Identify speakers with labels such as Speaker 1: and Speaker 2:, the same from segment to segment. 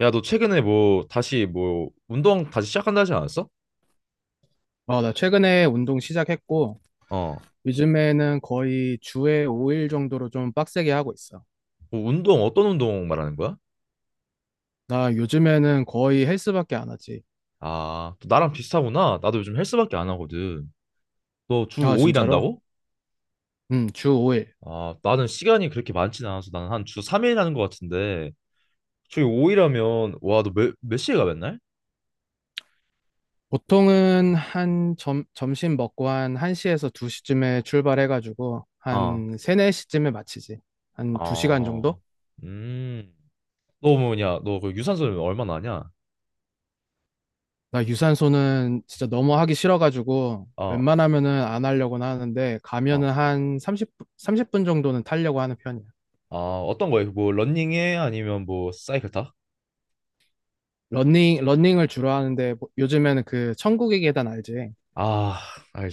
Speaker 1: 야, 너 최근에 뭐 다시 뭐 운동 다시 시작한다 하지 않았어?
Speaker 2: 어, 나 최근에 운동 시작했고,
Speaker 1: 어.
Speaker 2: 요즘에는 거의 주에 5일 정도로 좀 빡세게 하고 있어.
Speaker 1: 뭐 운동 어떤 운동 말하는 거야?
Speaker 2: 나 요즘에는 거의 헬스밖에 안 하지.
Speaker 1: 아, 또 나랑 비슷하구나. 나도 요즘 헬스밖에 안 하거든. 너 주
Speaker 2: 아,
Speaker 1: 5일
Speaker 2: 진짜로?
Speaker 1: 한다고?
Speaker 2: 응, 주 5일.
Speaker 1: 아, 나는 시간이 그렇게 많진 않아서 나는 한 주 3일 하는 것 같은데. 주 5일 하면 와, 너 몇 시에 가 맨날?
Speaker 2: 보통은 한 점심 먹고 한 1시에서 2시쯤에 출발해가지고,
Speaker 1: 어.
Speaker 2: 한 3, 4시쯤에 마치지. 한 2시간
Speaker 1: 아.
Speaker 2: 정도?
Speaker 1: 음. 너 뭐냐? 너 그 유산소 얼마나 하냐?
Speaker 2: 나 유산소는 진짜 너무 하기 싫어가지고,
Speaker 1: 어.
Speaker 2: 웬만하면은 안 하려고는 하는데, 가면은
Speaker 1: 아,
Speaker 2: 한 30분 정도는 타려고 하는 편이야.
Speaker 1: 아, 어떤 거야? 뭐 러닝해, 아니면 뭐 사이클 타?
Speaker 2: 러닝을 주로 하는데 요즘에는 그 천국의 계단 알지?
Speaker 1: 아,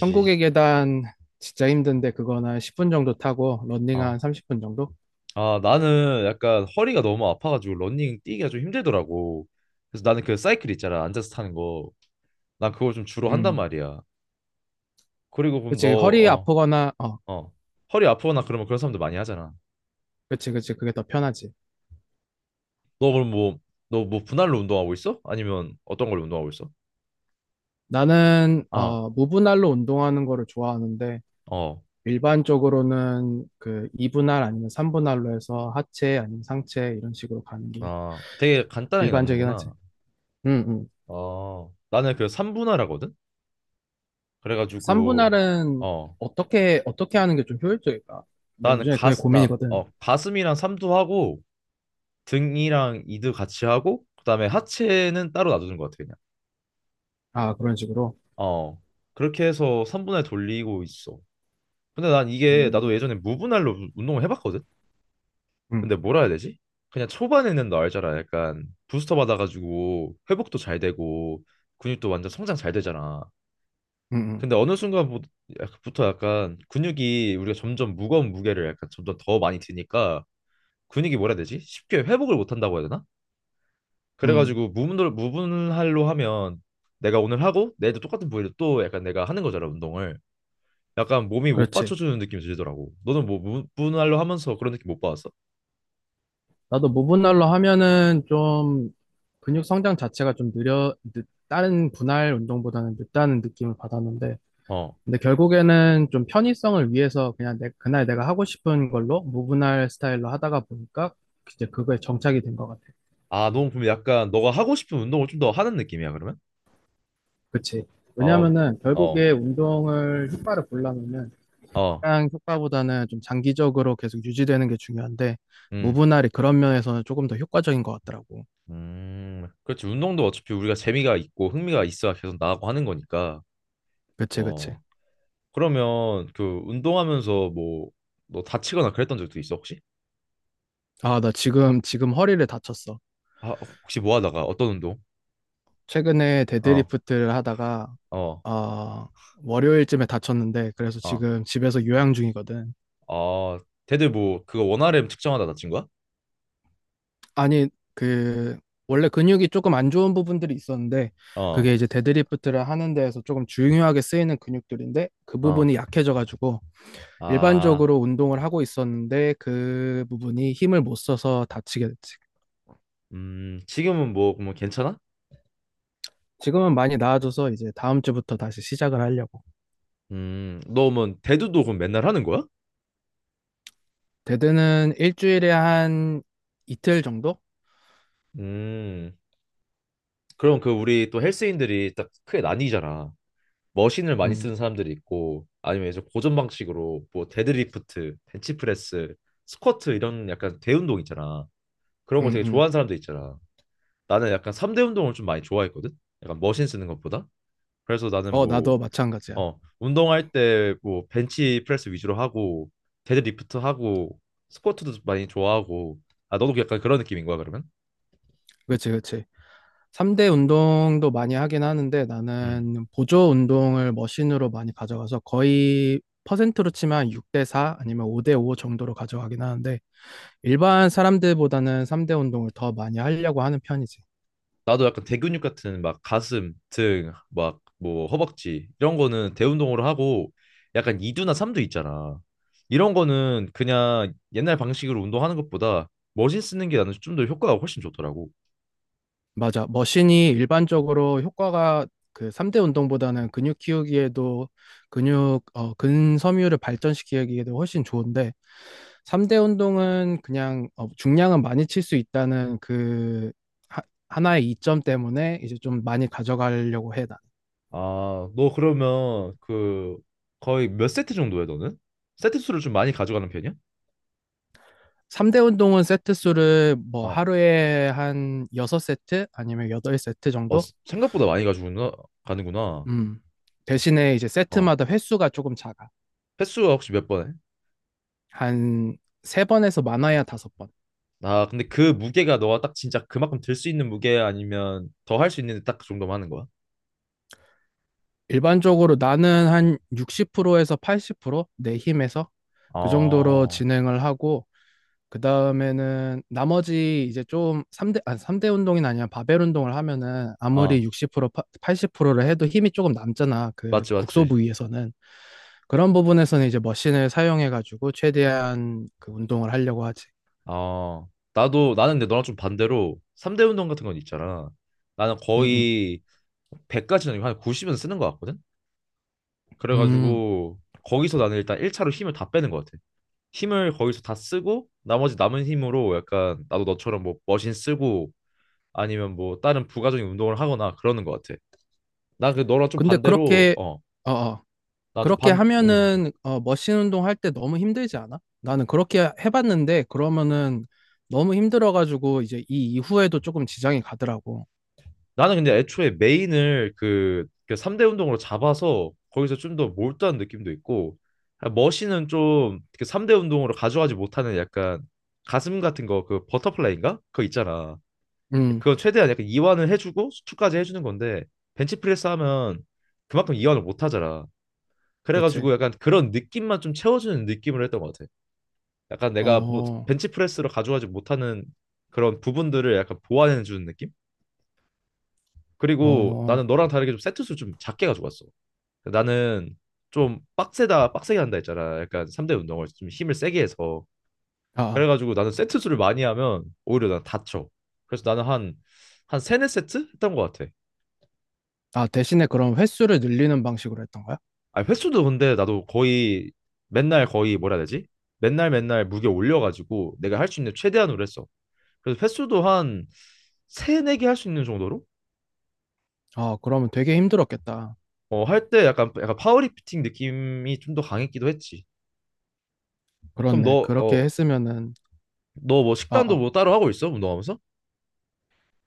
Speaker 2: 천국의 계단 진짜 힘든데 그거는 한 10분 정도 타고 러닝 한
Speaker 1: 어.
Speaker 2: 30분 정도?
Speaker 1: 아, 나는 약간 허리가 너무 아파가지고 러닝 뛰기가 좀 힘들더라고. 그래서 나는 그 사이클 있잖아, 앉아서 타는 거. 난 그걸 좀 주로 한단
Speaker 2: 음.
Speaker 1: 말이야. 그리고 그럼 너,
Speaker 2: 그치. 허리
Speaker 1: 어,
Speaker 2: 아프거나,
Speaker 1: 어, 허리 아프거나 그러면 그런 사람들 많이 하잖아.
Speaker 2: 그치, 그치. 그게 더 편하지.
Speaker 1: 너 그럼 뭐, 너 뭐 분할로 운동하고 있어? 아니면 어떤 걸로 운동하고 있어?
Speaker 2: 나는,
Speaker 1: 아,
Speaker 2: 무분할로 운동하는 거를 좋아하는데
Speaker 1: 어,
Speaker 2: 일반적으로는 그 2분할 아니면 3분할로 해서 하체 아니면 상체 이런 식으로 가는 게
Speaker 1: 아, 되게 간단하게
Speaker 2: 일반적이긴 하지.
Speaker 1: 남는구나.
Speaker 2: 음, 음.
Speaker 1: 나는 그 삼분할하거든. 그래가지고,
Speaker 2: 3분할은
Speaker 1: 어,
Speaker 2: 어떻게 하는 게 좀 효율적일까? 네,
Speaker 1: 나는
Speaker 2: 요즘에 그게 고민이거든.
Speaker 1: 가슴이랑 삼두 하고, 등이랑 이드 같이 하고, 그다음에 하체는 따로 놔두는 것 같아 그냥.
Speaker 2: 아, 그런 식으로.
Speaker 1: 어, 그렇게 해서 3분할 돌리고 있어. 근데 난 이게,
Speaker 2: 음,
Speaker 1: 나도 예전에 무분할로 운동을 해봤거든.
Speaker 2: 음,
Speaker 1: 근데 뭐라 해야 되지? 그냥 초반에는 너 알잖아, 약간 부스터 받아가지고 회복도 잘 되고 근육도 완전 성장 잘 되잖아.
Speaker 2: 음, 음,
Speaker 1: 근데 어느 순간부터 약간 근육이, 우리가 점점 무거운 무게를 약간 점점 더 많이 드니까 근육이, 뭐라 해야 되지? 쉽게 회복을 못 한다고 해야 되나?
Speaker 2: 음.
Speaker 1: 그래가지고 무분별 무분할로 하면 내가 오늘 하고 내일도 똑같은 부위를 또 약간 내가 하는 거잖아, 운동을. 약간 몸이 못
Speaker 2: 그렇지.
Speaker 1: 받쳐주는 느낌이 들더라고. 너는 뭐 무분할로 하면서 그런 느낌 못 받았어?
Speaker 2: 나도 무분할로 하면은 좀 근육 성장 자체가 좀 다른 분할 운동보다는 늦다는 느낌을 받았는데,
Speaker 1: 어.
Speaker 2: 근데 결국에는 좀 편의성을 위해서 그냥 그날 내가 하고 싶은 걸로 무분할 스타일로 하다가 보니까 이제 그거에 정착이 된 것 같아.
Speaker 1: 아, 너무 보면 약간 너가 하고 싶은 운동을 좀 더 하는 느낌이야 그러면?
Speaker 2: 그치.
Speaker 1: 어.
Speaker 2: 왜냐면은
Speaker 1: 어.
Speaker 2: 결국에 운동을 효과를 보려면은
Speaker 1: 어.
Speaker 2: 시장 효과보다는 좀 장기적으로 계속 유지되는 게 중요한데
Speaker 1: 음.
Speaker 2: 무분할이 그런 면에서는 조금 더 효과적인 것 같더라고.
Speaker 1: 음. 그렇지. 운동도 어차피 우리가 재미가 있고 흥미가 있어야 계속 나가고 하는 거니까.
Speaker 2: 그치, 그치.
Speaker 1: 어. 그러면 그 운동하면서 뭐 너 다치거나 그랬던 적도 있어 혹시?
Speaker 2: 아, 나 지금 허리를 다쳤어.
Speaker 1: 아, 혹시 뭐 하다가, 어떤 운동?
Speaker 2: 최근에
Speaker 1: 어.
Speaker 2: 데드리프트를 하다가
Speaker 1: 어,
Speaker 2: 어, 월요일쯤에 다쳤는데 그래서
Speaker 1: 어,
Speaker 2: 지금 집에서 요양 중이거든.
Speaker 1: 어, 걔들 뭐 그거 원RM 측정하다 다친 거야?
Speaker 2: 아니, 그 원래 근육이 조금 안 좋은 부분들이 있었는데 그게
Speaker 1: 어,
Speaker 2: 이제 데드리프트를 하는 데에서 조금 중요하게 쓰이는 근육들인데 그
Speaker 1: 어,
Speaker 2: 부분이 약해져가지고
Speaker 1: 아,
Speaker 2: 일반적으로 운동을 하고 있었는데 그 부분이 힘을 못 써서 다치게 됐지.
Speaker 1: 지금은 뭐, 괜찮아?
Speaker 2: 지금은 많이 나아져서 이제 다음 주부터 다시 시작을 하려고.
Speaker 1: 너 뭐 대두도 그럼 맨날 하는 거야?
Speaker 2: 데드는 일주일에 한 이틀 정도?
Speaker 1: 음, 그럼 그 우리 또 헬스인들이 딱 크게 나뉘잖아. 머신을 많이
Speaker 2: 음,
Speaker 1: 쓰는 사람들이 있고, 아니면 이제 고전 방식으로 뭐 데드리프트, 벤치프레스, 스쿼트, 이런 약간 대운동 있잖아. 그런 걸
Speaker 2: 음,
Speaker 1: 되게
Speaker 2: 음.
Speaker 1: 좋아하는 사람도 있잖아. 나는 약간 3대 운동을 좀 많이 좋아했거든. 약간 머신 쓰는 것보다. 그래서 나는
Speaker 2: 어,
Speaker 1: 뭐
Speaker 2: 나도 마찬가지야.
Speaker 1: 운동할 때 뭐 벤치 프레스 위주로 하고, 데드리프트 하고, 스쿼트도 많이 좋아하고. 아, 너도 약간 그런 느낌인 거야 그러면?
Speaker 2: 그치, 그치. 3대 운동도 많이 하긴 하는데
Speaker 1: 음.
Speaker 2: 나는 보조 운동을 머신으로 많이 가져가서 거의 퍼센트로 치면 6대 4 아니면 5대 5 정도로 가져가긴 하는데 일반 사람들보다는 3대 운동을 더 많이 하려고 하는 편이지.
Speaker 1: 나도 약간 대근육 같은 막 가슴, 등, 막 뭐 허벅지 이런 거는 대운동으로 하고, 약간 2두나 3두 있잖아. 이런 거는 그냥 옛날 방식으로 운동하는 것보다 머신 쓰는 게 나는 좀 더 효과가 훨씬 좋더라고.
Speaker 2: 맞아. 머신이 일반적으로 효과가 그 3대 운동보다는 근육 키우기에도 근섬유를 발전시키기에도 훨씬 좋은데, 3대 운동은 그냥 중량은 많이 칠 수 있다는 그 하, 하나의 이점 때문에 이제 좀 많이 가져가려고 해, 나.
Speaker 1: 아, 너 그러면 그 거의 몇 세트 정도 해 너는? 세트 수를 좀 많이 가져가는 편이야?
Speaker 2: 3대 운동은 세트 수를 뭐
Speaker 1: 어.
Speaker 2: 하루에 한 6세트 아니면 8세트
Speaker 1: 어,
Speaker 2: 정도?
Speaker 1: 생각보다 많이 가지고나 가는구나.
Speaker 2: 음. 대신에 이제
Speaker 1: 어.
Speaker 2: 세트마다 횟수가 조금 작아.
Speaker 1: 횟수가 혹시 몇 번 해?
Speaker 2: 한 세번에서 많아야 다섯 번.
Speaker 1: 아, 근데 그 무게가 너가 딱 진짜 그만큼 들 수 있는 무게 아니면 더 할 수 있는 딱 그 정도만 하는 거야?
Speaker 2: 일반적으로 나는 한 60%에서 80%내 힘에서 그 정도로
Speaker 1: 어.
Speaker 2: 진행을 하고 그 다음에는 나머지 이제 좀 3대 아 삼대 운동이 아니라 바벨 운동을 하면은
Speaker 1: 아,
Speaker 2: 아무리 60% 80%를 해도 힘이 조금 남잖아. 그
Speaker 1: 맞지,
Speaker 2: 국소
Speaker 1: 맞지.
Speaker 2: 부위에서는 그런 부분에서는 이제 머신을 사용해 가지고 최대한 그 운동을 하려고 하지.
Speaker 1: 아, 나도, 나는 근데 너랑 좀 반대로 3대 운동 같은 건 있잖아. 나는
Speaker 2: 음, 음.
Speaker 1: 거의 100까지는 아니고 한 90은 쓰는 것 같거든?
Speaker 2: 음.
Speaker 1: 그래가지고 거기서 나는 일단 1차로 힘을 다 빼는 것 같아. 힘을 거기서 다 쓰고 나머지 남은 힘으로 약간 나도 너처럼 뭐 머신 쓰고, 아니면 뭐 다른 부가적인 운동을 하거나 그러는 것 같아. 나 그 너랑 좀
Speaker 2: 근데
Speaker 1: 반대로,
Speaker 2: 그렇게 어어
Speaker 1: 나 좀
Speaker 2: 그렇게
Speaker 1: 반, 음.
Speaker 2: 하면은 머신 운동 할 때 너무 힘들지 않아? 나는 그렇게 해봤는데 그러면은 너무 힘들어가지고 이제 이 이후에도 조금 지장이 가더라고.
Speaker 1: 나는 근데 애초에 메인을 그 3대 운동으로 잡아서 거기서 좀 더 몰두한 느낌도 있고. 아, 머신은 좀 그 3대 운동으로 가져가지 못하는 약간 가슴 같은 거, 그 버터플라이인가? 그거 있잖아.
Speaker 2: 음,
Speaker 1: 그건 최대한 약간 이완을 해주고 수축까지 해주는 건데, 벤치프레스 하면 그만큼 이완을 못 하잖아.
Speaker 2: 그치.
Speaker 1: 그래가지고 약간 그런 느낌만 좀 채워주는 느낌으로 했던 것 같아. 약간 내가 뭐
Speaker 2: 어,
Speaker 1: 벤치프레스로 가져가지 못하는 그런 부분들을 약간 보완해 주는 느낌? 그리고
Speaker 2: 어,
Speaker 1: 나는 너랑 다르게 좀 세트 수 좀 작게 가져갔어. 나는 좀 빡세다 빡세게 한다 했잖아, 약간 3대 운동을 좀 힘을 세게 해서.
Speaker 2: 아,
Speaker 1: 그래가지고 나는 세트 수를 많이 하면 오히려 난 다쳐. 그래서 나는 한 세네 세트 했던 것 같아.
Speaker 2: 아. 대신에 그럼 횟수를 늘리는 방식으로 했던 거야?
Speaker 1: 아, 횟수도 근데 나도 거의 맨날 거의, 뭐라 해야 되지? 맨날 맨날 무게 올려가지고 내가 할 수 있는 최대한으로 했어. 그래서 횟수도 한 세네 개 할 수 있는 정도로.
Speaker 2: 아, 그러면 되게 힘들었겠다.
Speaker 1: 할 때 약간 파워리프팅 느낌이 좀 더 강했기도 했지. 그럼
Speaker 2: 그렇네.
Speaker 1: 너,
Speaker 2: 그렇게
Speaker 1: 어,
Speaker 2: 했으면은.
Speaker 1: 너 뭐
Speaker 2: 아,
Speaker 1: 식단도
Speaker 2: 아,
Speaker 1: 뭐 따로 하고 있어? 운동하면서?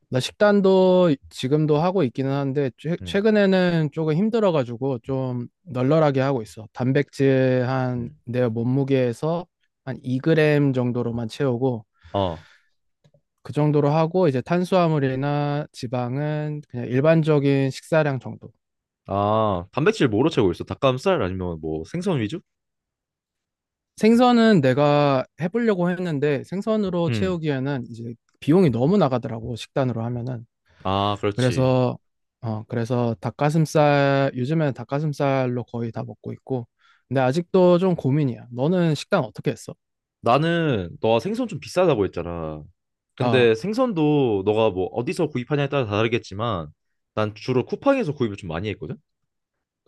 Speaker 2: 나 식단도 지금도 하고 있기는 한데 최,
Speaker 1: 응,
Speaker 2: 최근에는 조금 힘들어가지고 좀 널널하게 하고 있어. 단백질 한
Speaker 1: 응.
Speaker 2: 내 몸무게에서 한 2g 정도로만 채우고
Speaker 1: 어,
Speaker 2: 그 정도로 하고 이제 탄수화물이나 지방은 그냥 일반적인 식사량 정도.
Speaker 1: 아, 단백질 뭐로 채우고 있어? 닭가슴살 아니면 뭐 생선 위주?
Speaker 2: 생선은 내가 해보려고 했는데 생선으로
Speaker 1: 응.
Speaker 2: 채우기에는 이제 비용이 너무 나가더라고 식단으로 하면은.
Speaker 1: 아, 그렇지.
Speaker 2: 그래서 그래서 닭가슴살 요즘에는 닭가슴살로 거의 다 먹고 있고 근데 아직도 좀 고민이야. 너는 식단 어떻게 했어?
Speaker 1: 나는 너가 생선 좀 비싸다고 했잖아. 근데
Speaker 2: 아,
Speaker 1: 생선도 너가 뭐 어디서 구입하냐에 따라 다르겠지만 난 주로 쿠팡에서 구입을 좀 많이 했거든.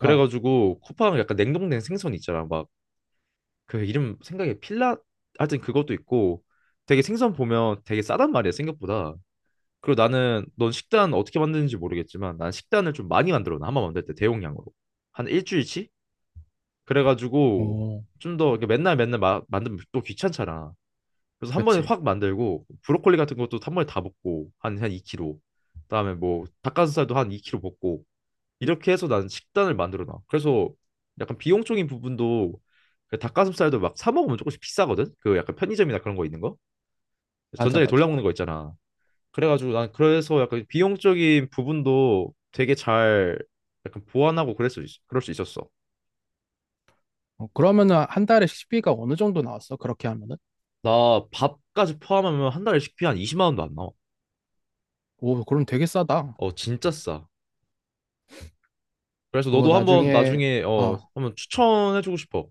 Speaker 2: 아,
Speaker 1: 쿠팡 약간 냉동된 생선 있잖아, 막. 그 이름, 생각에 필라, 하여튼 그것도 있고. 되게 생선 보면 되게 싸단 말이야, 생각보다. 그리고 나는, 넌 식단 어떻게 만드는지 모르겠지만 난 식단을 좀 많이 만들어 놔, 한번 만들 때 대용량으로. 한 일주일치. 그래가지고
Speaker 2: 오,
Speaker 1: 좀 더, 맨날 맨날 만들면 또 귀찮잖아. 그래서 한 번에
Speaker 2: 그치.
Speaker 1: 확 만들고 브로콜리 같은 것도 한 번에 다 볶고 한 2kg, 그다음에 뭐 닭가슴살도 한 2kg 볶고, 이렇게 해서 나는 식단을 만들어 놔. 그래서 약간 비용적인 부분도, 그 닭가슴살도 막 사 먹으면 조금씩 비싸거든, 그 약간 편의점이나 그런 거 있는 거,
Speaker 2: 맞아,
Speaker 1: 전자레인지 돌려
Speaker 2: 맞아.
Speaker 1: 먹는 거 있잖아. 그래가지고 난 그래서 약간 비용적인 부분도 되게 잘 약간 보완하고 그럴 수 있었어.
Speaker 2: 어, 그러면은 한 달에 식비가 어느 정도 나왔어? 그렇게 하면은?
Speaker 1: 나 밥까지 포함하면 한 달에 식비 한 20만 원도 안 나와.
Speaker 2: 오, 그럼 되게 싸다.
Speaker 1: 어, 진짜 싸. 그래서
Speaker 2: 그거
Speaker 1: 너도 한번
Speaker 2: 나중에
Speaker 1: 나중에
Speaker 2: 어,
Speaker 1: 한번 추천해주고 싶어.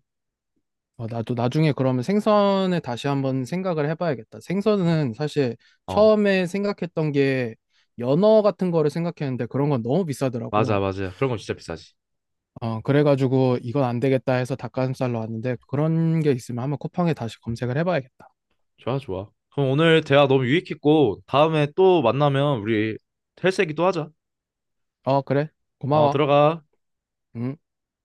Speaker 2: 어, 나도 나중에 그러면 생선에 다시 한번 생각을 해봐야겠다. 생선은 사실
Speaker 1: 어,
Speaker 2: 처음에 생각했던 게 연어 같은 거를 생각했는데 그런 건 너무
Speaker 1: 맞아,
Speaker 2: 비싸더라고.
Speaker 1: 맞아. 그런 건 진짜 비싸지.
Speaker 2: 어, 그래가지고 이건 안 되겠다 해서 닭가슴살로 왔는데 그런 게 있으면 한번 쿠팡에 다시 검색을 해봐야겠다.
Speaker 1: 좋아, 좋아. 그럼 오늘 대화 너무 유익했고, 다음에 또 만나면 우리 헬스 얘기 또 하자.
Speaker 2: 어, 그래.
Speaker 1: 어,
Speaker 2: 고마워.
Speaker 1: 들어가.
Speaker 2: 음.